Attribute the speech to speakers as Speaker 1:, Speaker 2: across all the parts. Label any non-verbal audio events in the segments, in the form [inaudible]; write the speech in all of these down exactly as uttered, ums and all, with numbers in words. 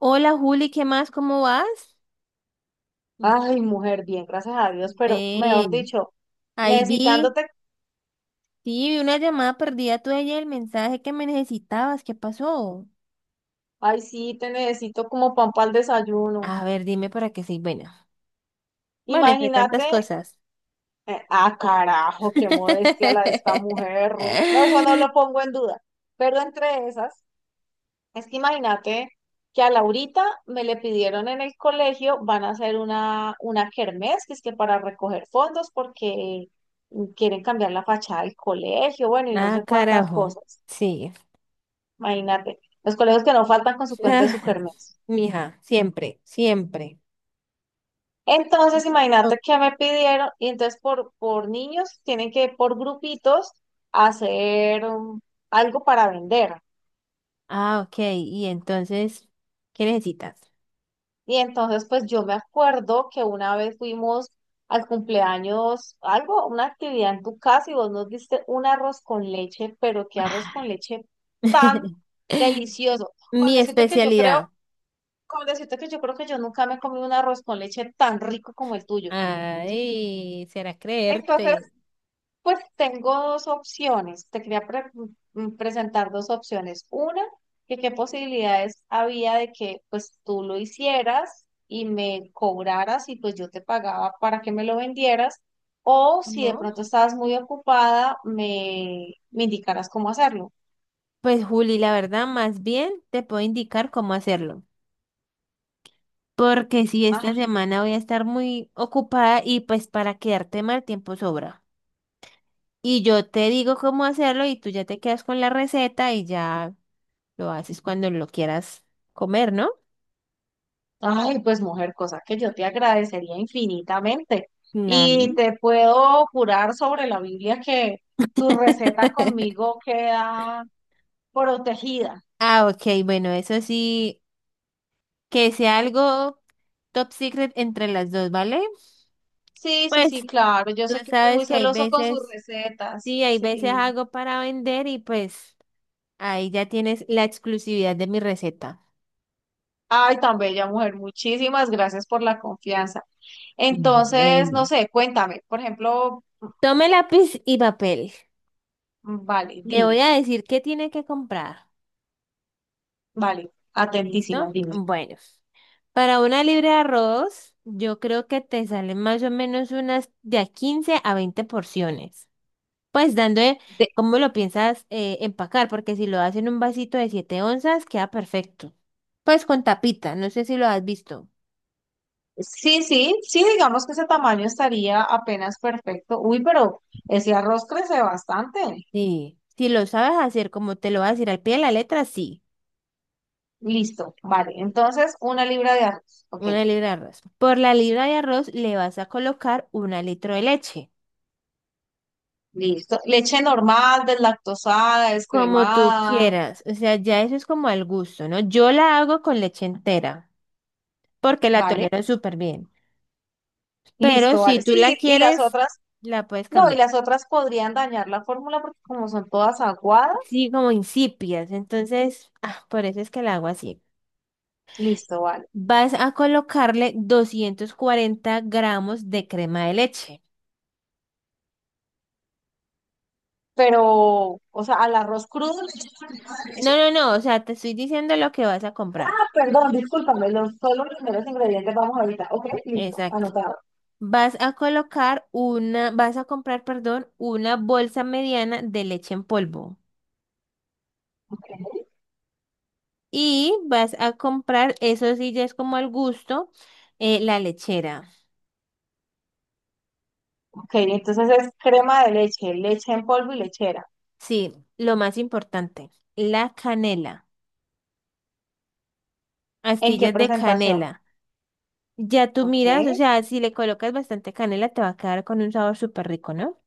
Speaker 1: Hola Juli, ¿qué más? ¿Cómo vas?
Speaker 2: Ay, mujer, bien, gracias a Dios, pero mejor
Speaker 1: Ven,
Speaker 2: dicho,
Speaker 1: ahí vi,
Speaker 2: necesitándote,
Speaker 1: sí, vi una llamada perdida tuya y el mensaje que me necesitabas, ¿qué pasó?
Speaker 2: ay, sí, te necesito como pan para el desayuno.
Speaker 1: A ver, dime para qué soy buena. Bueno, entre tantas
Speaker 2: Imagínate,
Speaker 1: cosas.
Speaker 2: eh, ah, carajo, qué modestia la de esta
Speaker 1: [laughs]
Speaker 2: mujer. No, eso no lo pongo en duda. Pero entre esas, es que imagínate que a Laurita me le pidieron en el colegio, van a hacer una, una kermés, que es que para recoger fondos, porque quieren cambiar la fachada del colegio, bueno, y no
Speaker 1: Ah,
Speaker 2: sé cuántas
Speaker 1: carajo.
Speaker 2: cosas.
Speaker 1: Sí. [laughs]
Speaker 2: Imagínate, los colegios que no faltan con su cuenta de
Speaker 1: Ah,
Speaker 2: sukermes.
Speaker 1: mija, siempre, siempre.
Speaker 2: Entonces,
Speaker 1: Oh,
Speaker 2: imagínate que me pidieron, y entonces por, por niños tienen que por grupitos hacer um, algo para vender.
Speaker 1: ah, ok. Y entonces, ¿qué necesitas?
Speaker 2: Y entonces, pues yo me acuerdo que una vez fuimos al cumpleaños, algo, una actividad en tu casa y vos nos diste un arroz con leche, pero qué arroz con leche tan
Speaker 1: [laughs]
Speaker 2: delicioso. Con
Speaker 1: Mi
Speaker 2: decirte que yo creo,
Speaker 1: especialidad.
Speaker 2: con decirte que yo creo que yo nunca me he comido un arroz con leche tan rico como el tuyo.
Speaker 1: Ay, será
Speaker 2: Entonces,
Speaker 1: creerte.
Speaker 2: pues tengo dos opciones. Te quería pre- mm, presentar dos opciones. Una, que qué posibilidades había de que pues tú lo hicieras y me cobraras y pues yo te pagaba para que me lo vendieras. O si de
Speaker 1: ¿No?
Speaker 2: pronto estabas muy ocupada, me, me indicaras cómo hacerlo.
Speaker 1: Pues Juli, la verdad, más bien te puedo indicar cómo hacerlo, porque si esta
Speaker 2: Ah,
Speaker 1: semana voy a estar muy ocupada y pues para quedarte mal tiempo sobra. Y yo te digo cómo hacerlo y tú ya te quedas con la receta y ya lo haces cuando lo quieras comer, ¿no?
Speaker 2: ay, pues mujer, cosa que yo te agradecería infinitamente. Y
Speaker 1: Claro.
Speaker 2: te puedo jurar sobre la Biblia que tu receta
Speaker 1: [laughs]
Speaker 2: conmigo queda protegida.
Speaker 1: Ah, ok, bueno, eso sí, que sea algo top secret entre las dos, ¿vale?
Speaker 2: Sí, sí,
Speaker 1: Pues
Speaker 2: sí, claro. Yo
Speaker 1: tú
Speaker 2: sé que uno es muy
Speaker 1: sabes que hay
Speaker 2: celoso con sus
Speaker 1: veces,
Speaker 2: recetas.
Speaker 1: sí, hay veces
Speaker 2: Sí.
Speaker 1: hago para vender y pues... Ahí ya tienes la exclusividad de mi receta.
Speaker 2: Ay, tan bella mujer. Muchísimas gracias por la confianza. Entonces, no
Speaker 1: Bueno,
Speaker 2: sé, cuéntame. Por ejemplo,
Speaker 1: tome lápiz y papel.
Speaker 2: mm, vale,
Speaker 1: Le voy
Speaker 2: dime,
Speaker 1: a decir qué tiene que comprar.
Speaker 2: vale, atentísima,
Speaker 1: ¿Listo?
Speaker 2: dime.
Speaker 1: Bueno, para una libra de arroz, yo creo que te salen más o menos unas de a quince a veinte porciones. Pues dando eh,
Speaker 2: De-
Speaker 1: cómo lo piensas eh, empacar, porque si lo haces en un vasito de siete onzas, queda perfecto. Pues con tapita, no sé si lo has visto.
Speaker 2: sí, sí, sí, digamos que ese tamaño estaría apenas perfecto. Uy, pero ese arroz crece bastante.
Speaker 1: Sí. Si lo sabes hacer como te lo vas a decir al pie de la letra, sí.
Speaker 2: Listo, vale. Entonces, una libra de arroz. Ok,
Speaker 1: Una libra de arroz. Por la libra de arroz le vas a colocar una litro de leche,
Speaker 2: listo. Leche normal, deslactosada,
Speaker 1: como tú
Speaker 2: descremada,
Speaker 1: quieras. O sea, ya eso es como al gusto, ¿no? Yo la hago con leche entera, porque la
Speaker 2: ¿vale?
Speaker 1: tolero súper bien. Pero
Speaker 2: Listo,
Speaker 1: si
Speaker 2: vale.
Speaker 1: tú
Speaker 2: Sí,
Speaker 1: la
Speaker 2: y las
Speaker 1: quieres,
Speaker 2: otras,
Speaker 1: la puedes
Speaker 2: no, y
Speaker 1: cambiar.
Speaker 2: las otras podrían dañar la fórmula porque como son todas aguadas,
Speaker 1: Sí, como incipias. Entonces, ah, por eso es que la hago así.
Speaker 2: listo, vale.
Speaker 1: Vas a colocarle doscientos cuarenta gramos de crema de leche.
Speaker 2: Pero, o sea, al arroz crudo le echas arriba de
Speaker 1: No,
Speaker 2: eso.
Speaker 1: no, no, o sea, te estoy diciendo lo que vas a comprar.
Speaker 2: Perdón, discúlpame, los primeros ingredientes vamos ahorita. Ok, listo,
Speaker 1: Exacto.
Speaker 2: anotado.
Speaker 1: Vas a colocar una, vas a comprar, perdón, una bolsa mediana de leche en polvo. Y vas a comprar, eso sí ya es como al gusto, eh, la lechera.
Speaker 2: Ok, entonces es crema de leche, leche en polvo y lechera.
Speaker 1: Sí, lo más importante, la canela,
Speaker 2: ¿En qué
Speaker 1: astillas de
Speaker 2: presentación?
Speaker 1: canela. Ya tú
Speaker 2: Ok,
Speaker 1: miras, o sea, si le colocas bastante canela, te va a quedar con un sabor súper rico, ¿no?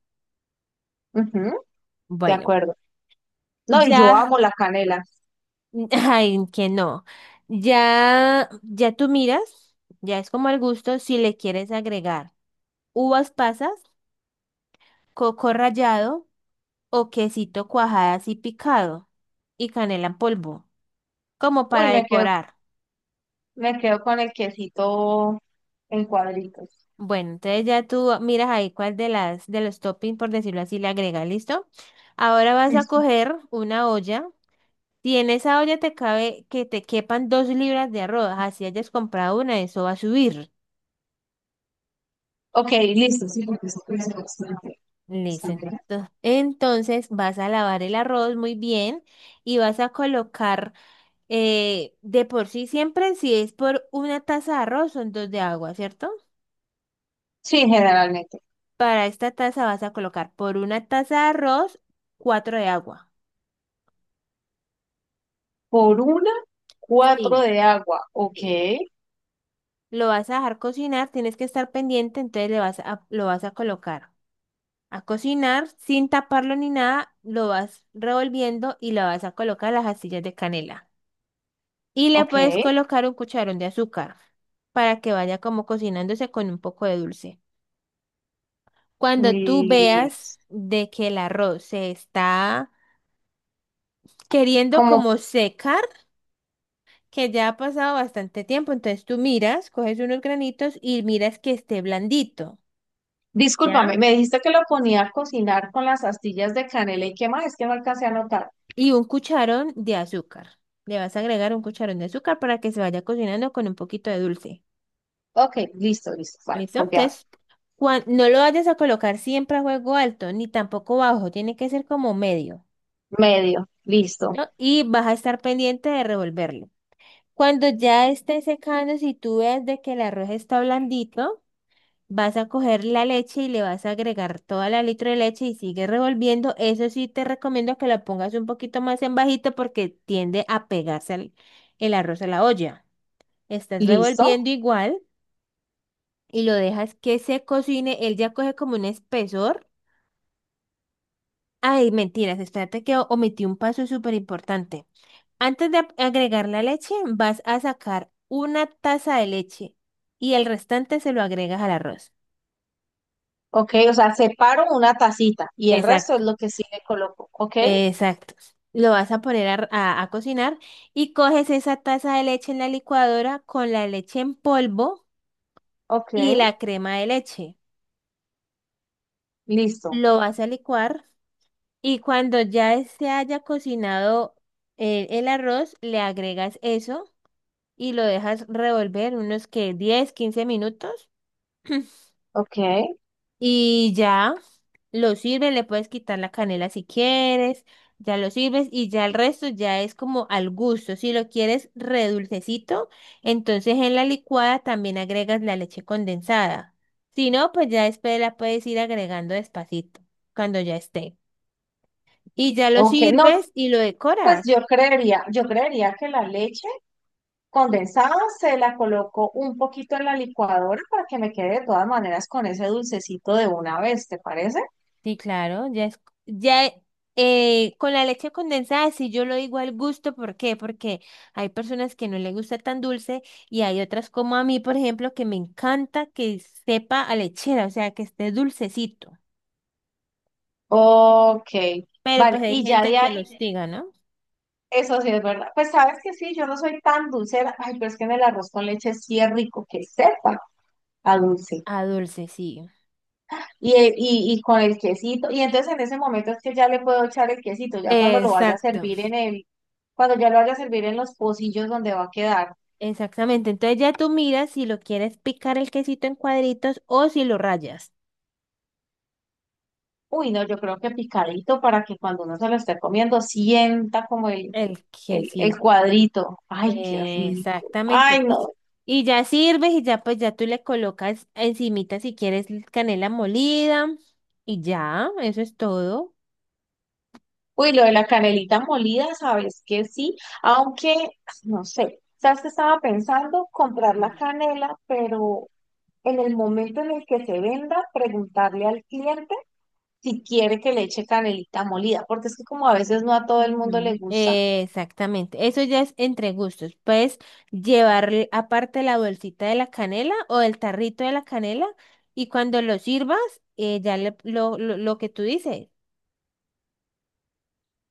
Speaker 2: ujú, de
Speaker 1: Bueno,
Speaker 2: acuerdo. No, y yo
Speaker 1: ya,
Speaker 2: amo la canela.
Speaker 1: [laughs] ay, que no. Ya, ya tú miras, ya es como al gusto si le quieres agregar uvas pasas, coco rallado o quesito cuajada y picado y canela en polvo, como
Speaker 2: Uy,
Speaker 1: para
Speaker 2: me quedo,
Speaker 1: decorar.
Speaker 2: me quedo con el quesito en cuadritos.
Speaker 1: Bueno, entonces ya tú miras ahí cuál de las de los toppings, por decirlo así, le agregas, ¿listo? Ahora vas a
Speaker 2: Listo.
Speaker 1: coger una olla. Si en esa olla te cabe que te quepan dos libras de arroz, así hayas comprado una, eso va a subir.
Speaker 2: Ok, listo, sí, porque eso puede ser bastante
Speaker 1: Listo.
Speaker 2: extranjera.
Speaker 1: Entonces entonces vas a lavar el arroz muy bien y vas a colocar. Eh, de por sí siempre, si es por una taza de arroz, son dos de agua, ¿cierto?
Speaker 2: Sí, generalmente.
Speaker 1: Para esta taza vas a colocar por una taza de arroz, cuatro de agua.
Speaker 2: Por una, cuatro
Speaker 1: Sí,
Speaker 2: de agua. Ok,
Speaker 1: sí. Lo vas a dejar cocinar, tienes que estar pendiente, entonces le vas a, lo vas a colocar a cocinar sin taparlo ni nada, lo vas revolviendo y le vas a colocar las astillas de canela. Y le
Speaker 2: ok.
Speaker 1: puedes colocar un cucharón de azúcar para que vaya como cocinándose con un poco de dulce. Cuando tú
Speaker 2: Y
Speaker 1: veas de que el arroz se está queriendo
Speaker 2: como,
Speaker 1: como secar, que ya ha pasado bastante tiempo, entonces tú miras, coges unos granitos y miras que esté blandito, ¿ya?
Speaker 2: discúlpame, me dijiste que lo ponía a cocinar con las astillas de canela y qué más, es que no alcancé a anotar.
Speaker 1: Y un cucharón de azúcar. Le vas a agregar un cucharón de azúcar para que se vaya cocinando con un poquito de dulce.
Speaker 2: Ok, listo, listo, vale,
Speaker 1: ¿Listo?
Speaker 2: copiado.
Speaker 1: Entonces, cuan- no lo vayas a colocar siempre a fuego alto, ni tampoco bajo, tiene que ser como medio,
Speaker 2: Medio, listo,
Speaker 1: ¿no? Y vas a estar pendiente de revolverlo. Cuando ya esté secando, si tú ves de que el arroz está blandito, vas a coger la leche y le vas a agregar toda la litro de leche y sigue revolviendo. Eso sí te recomiendo que la pongas un poquito más en bajito porque tiende a pegarse al- el arroz a la olla. Estás
Speaker 2: listo.
Speaker 1: revolviendo igual y lo dejas que se cocine. Él ya coge como un espesor. Ay, mentiras, espérate que o- omití un paso súper importante. Antes de ap- agregar la leche, vas a sacar una taza de leche y el restante se lo agregas al arroz.
Speaker 2: Ok, o sea, separo una tacita y el resto es
Speaker 1: Exacto,
Speaker 2: lo que sí le coloco. Ok,
Speaker 1: exacto. Lo vas a poner a, a- a cocinar y coges esa taza de leche en la licuadora con la leche en polvo
Speaker 2: ok,
Speaker 1: y la crema de leche.
Speaker 2: listo,
Speaker 1: Lo vas a licuar y cuando ya se haya cocinado el, el arroz, le agregas eso y lo dejas revolver unos que diez, quince minutos. [clears throat]
Speaker 2: ok,
Speaker 1: Y ya lo sirves, le puedes quitar la canela si quieres, ya lo sirves y ya el resto ya es como al gusto. Si lo quieres redulcecito, entonces en la licuada también agregas la leche condensada. Si no, pues ya después la puedes ir agregando despacito cuando ya esté. Y ya lo
Speaker 2: ok. No,
Speaker 1: sirves y lo
Speaker 2: pues
Speaker 1: decoras.
Speaker 2: yo creería, yo creería que la leche condensadas, se la coloco un poquito en la licuadora para que me quede de todas maneras con ese dulcecito de una vez, ¿te parece?
Speaker 1: Sí, claro, ya es, ya eh, eh, con la leche condensada, sí yo lo digo al gusto, ¿por qué? Porque hay personas que no les gusta tan dulce y hay otras como a mí, por ejemplo, que me encanta que sepa a lechera, o sea, que esté dulcecito.
Speaker 2: Ok,
Speaker 1: Pero
Speaker 2: vale,
Speaker 1: pues hay
Speaker 2: y ya
Speaker 1: gente
Speaker 2: de
Speaker 1: que lo
Speaker 2: ahí,
Speaker 1: hostiga, ¿no?
Speaker 2: eso sí es verdad. Pues sabes que sí, yo no soy tan dulcera, ay, pero es que en el arroz con leche sí es rico, que sepa a dulce.
Speaker 1: A dulce, sí.
Speaker 2: Y, eh, y, y con el quesito, y entonces en ese momento es que ya le puedo echar el quesito, ya cuando lo vaya a
Speaker 1: Exacto,
Speaker 2: servir en el, cuando ya lo vaya a servir en los pocillos donde va a quedar.
Speaker 1: exactamente. Entonces ya tú miras si lo quieres picar el quesito en cuadritos o si lo rayas.
Speaker 2: Uy, no, yo creo que picadito para que cuando uno se lo esté comiendo sienta como el,
Speaker 1: El
Speaker 2: el, el
Speaker 1: quesito.
Speaker 2: cuadrito. Ay, qué rico. Ay,
Speaker 1: Exactamente.
Speaker 2: no.
Speaker 1: Y ya sirves y ya pues ya tú le colocas encimita si quieres canela molida y ya, eso es todo.
Speaker 2: Uy, lo de la canelita molida, sabes que sí, aunque, no sé, sabes que estaba pensando comprar la
Speaker 1: Ujú.
Speaker 2: canela, pero en el momento en el que se venda, preguntarle al cliente si quiere que le eche canelita molida, porque es que como a veces no a todo el mundo le
Speaker 1: Ujú.
Speaker 2: gusta.
Speaker 1: Exactamente, eso ya es entre gustos. Puedes llevar aparte la bolsita de la canela o el tarrito de la canela y cuando lo sirvas, eh, ya le- lo, lo, lo que tú dices,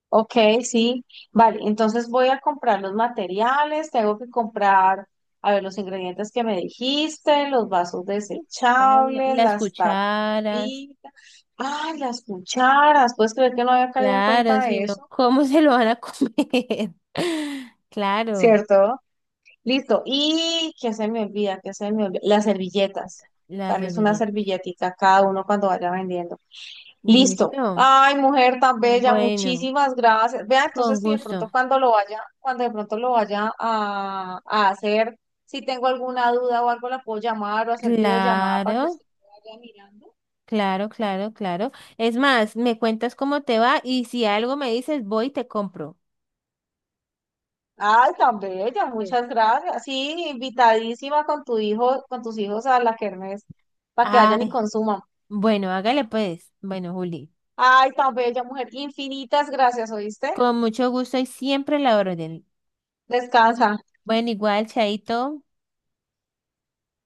Speaker 2: Ok, sí, vale, entonces voy a comprar los materiales, tengo que comprar, a ver, los ingredientes que me dijiste, los vasos
Speaker 1: ¿sí? Ya le-
Speaker 2: desechables,
Speaker 1: las
Speaker 2: las
Speaker 1: cucharas.
Speaker 2: tapitas, ay, las cucharas, puedes creer que no había caído en
Speaker 1: Claro,
Speaker 2: cuenta de
Speaker 1: sino,
Speaker 2: eso,
Speaker 1: ¿cómo [laughs] se lo van a comer? [laughs] Claro,
Speaker 2: ¿cierto? Listo, y que se me olvida, que se me olvida, las servilletas,
Speaker 1: la
Speaker 2: darles una
Speaker 1: servilleta.
Speaker 2: servilletica a cada uno cuando vaya vendiendo. Listo.
Speaker 1: Listo.
Speaker 2: Ay, mujer tan bella,
Speaker 1: Bueno,
Speaker 2: muchísimas gracias. Vea,
Speaker 1: con
Speaker 2: entonces si de
Speaker 1: gusto.
Speaker 2: pronto cuando lo vaya, cuando de pronto lo vaya a, a hacer, si tengo alguna duda o algo, la puedo llamar o hacer videollamada para que
Speaker 1: Claro,
Speaker 2: usted me vaya mirando.
Speaker 1: claro, claro, claro. Es más, me cuentas cómo te va y si algo me dices, voy y te compro.
Speaker 2: Ay, tan bella,
Speaker 1: Sí.
Speaker 2: muchas gracias. Sí, invitadísima con tu hijo, con tus hijos a la kermés, para que vayan y
Speaker 1: Ay,
Speaker 2: consuman.
Speaker 1: bueno, hágale pues. Bueno, Juli,
Speaker 2: Ay, tan bella, mujer, infinitas gracias, ¿oíste?
Speaker 1: con mucho gusto y siempre la orden.
Speaker 2: Descansa.
Speaker 1: Bueno, igual, Chaito.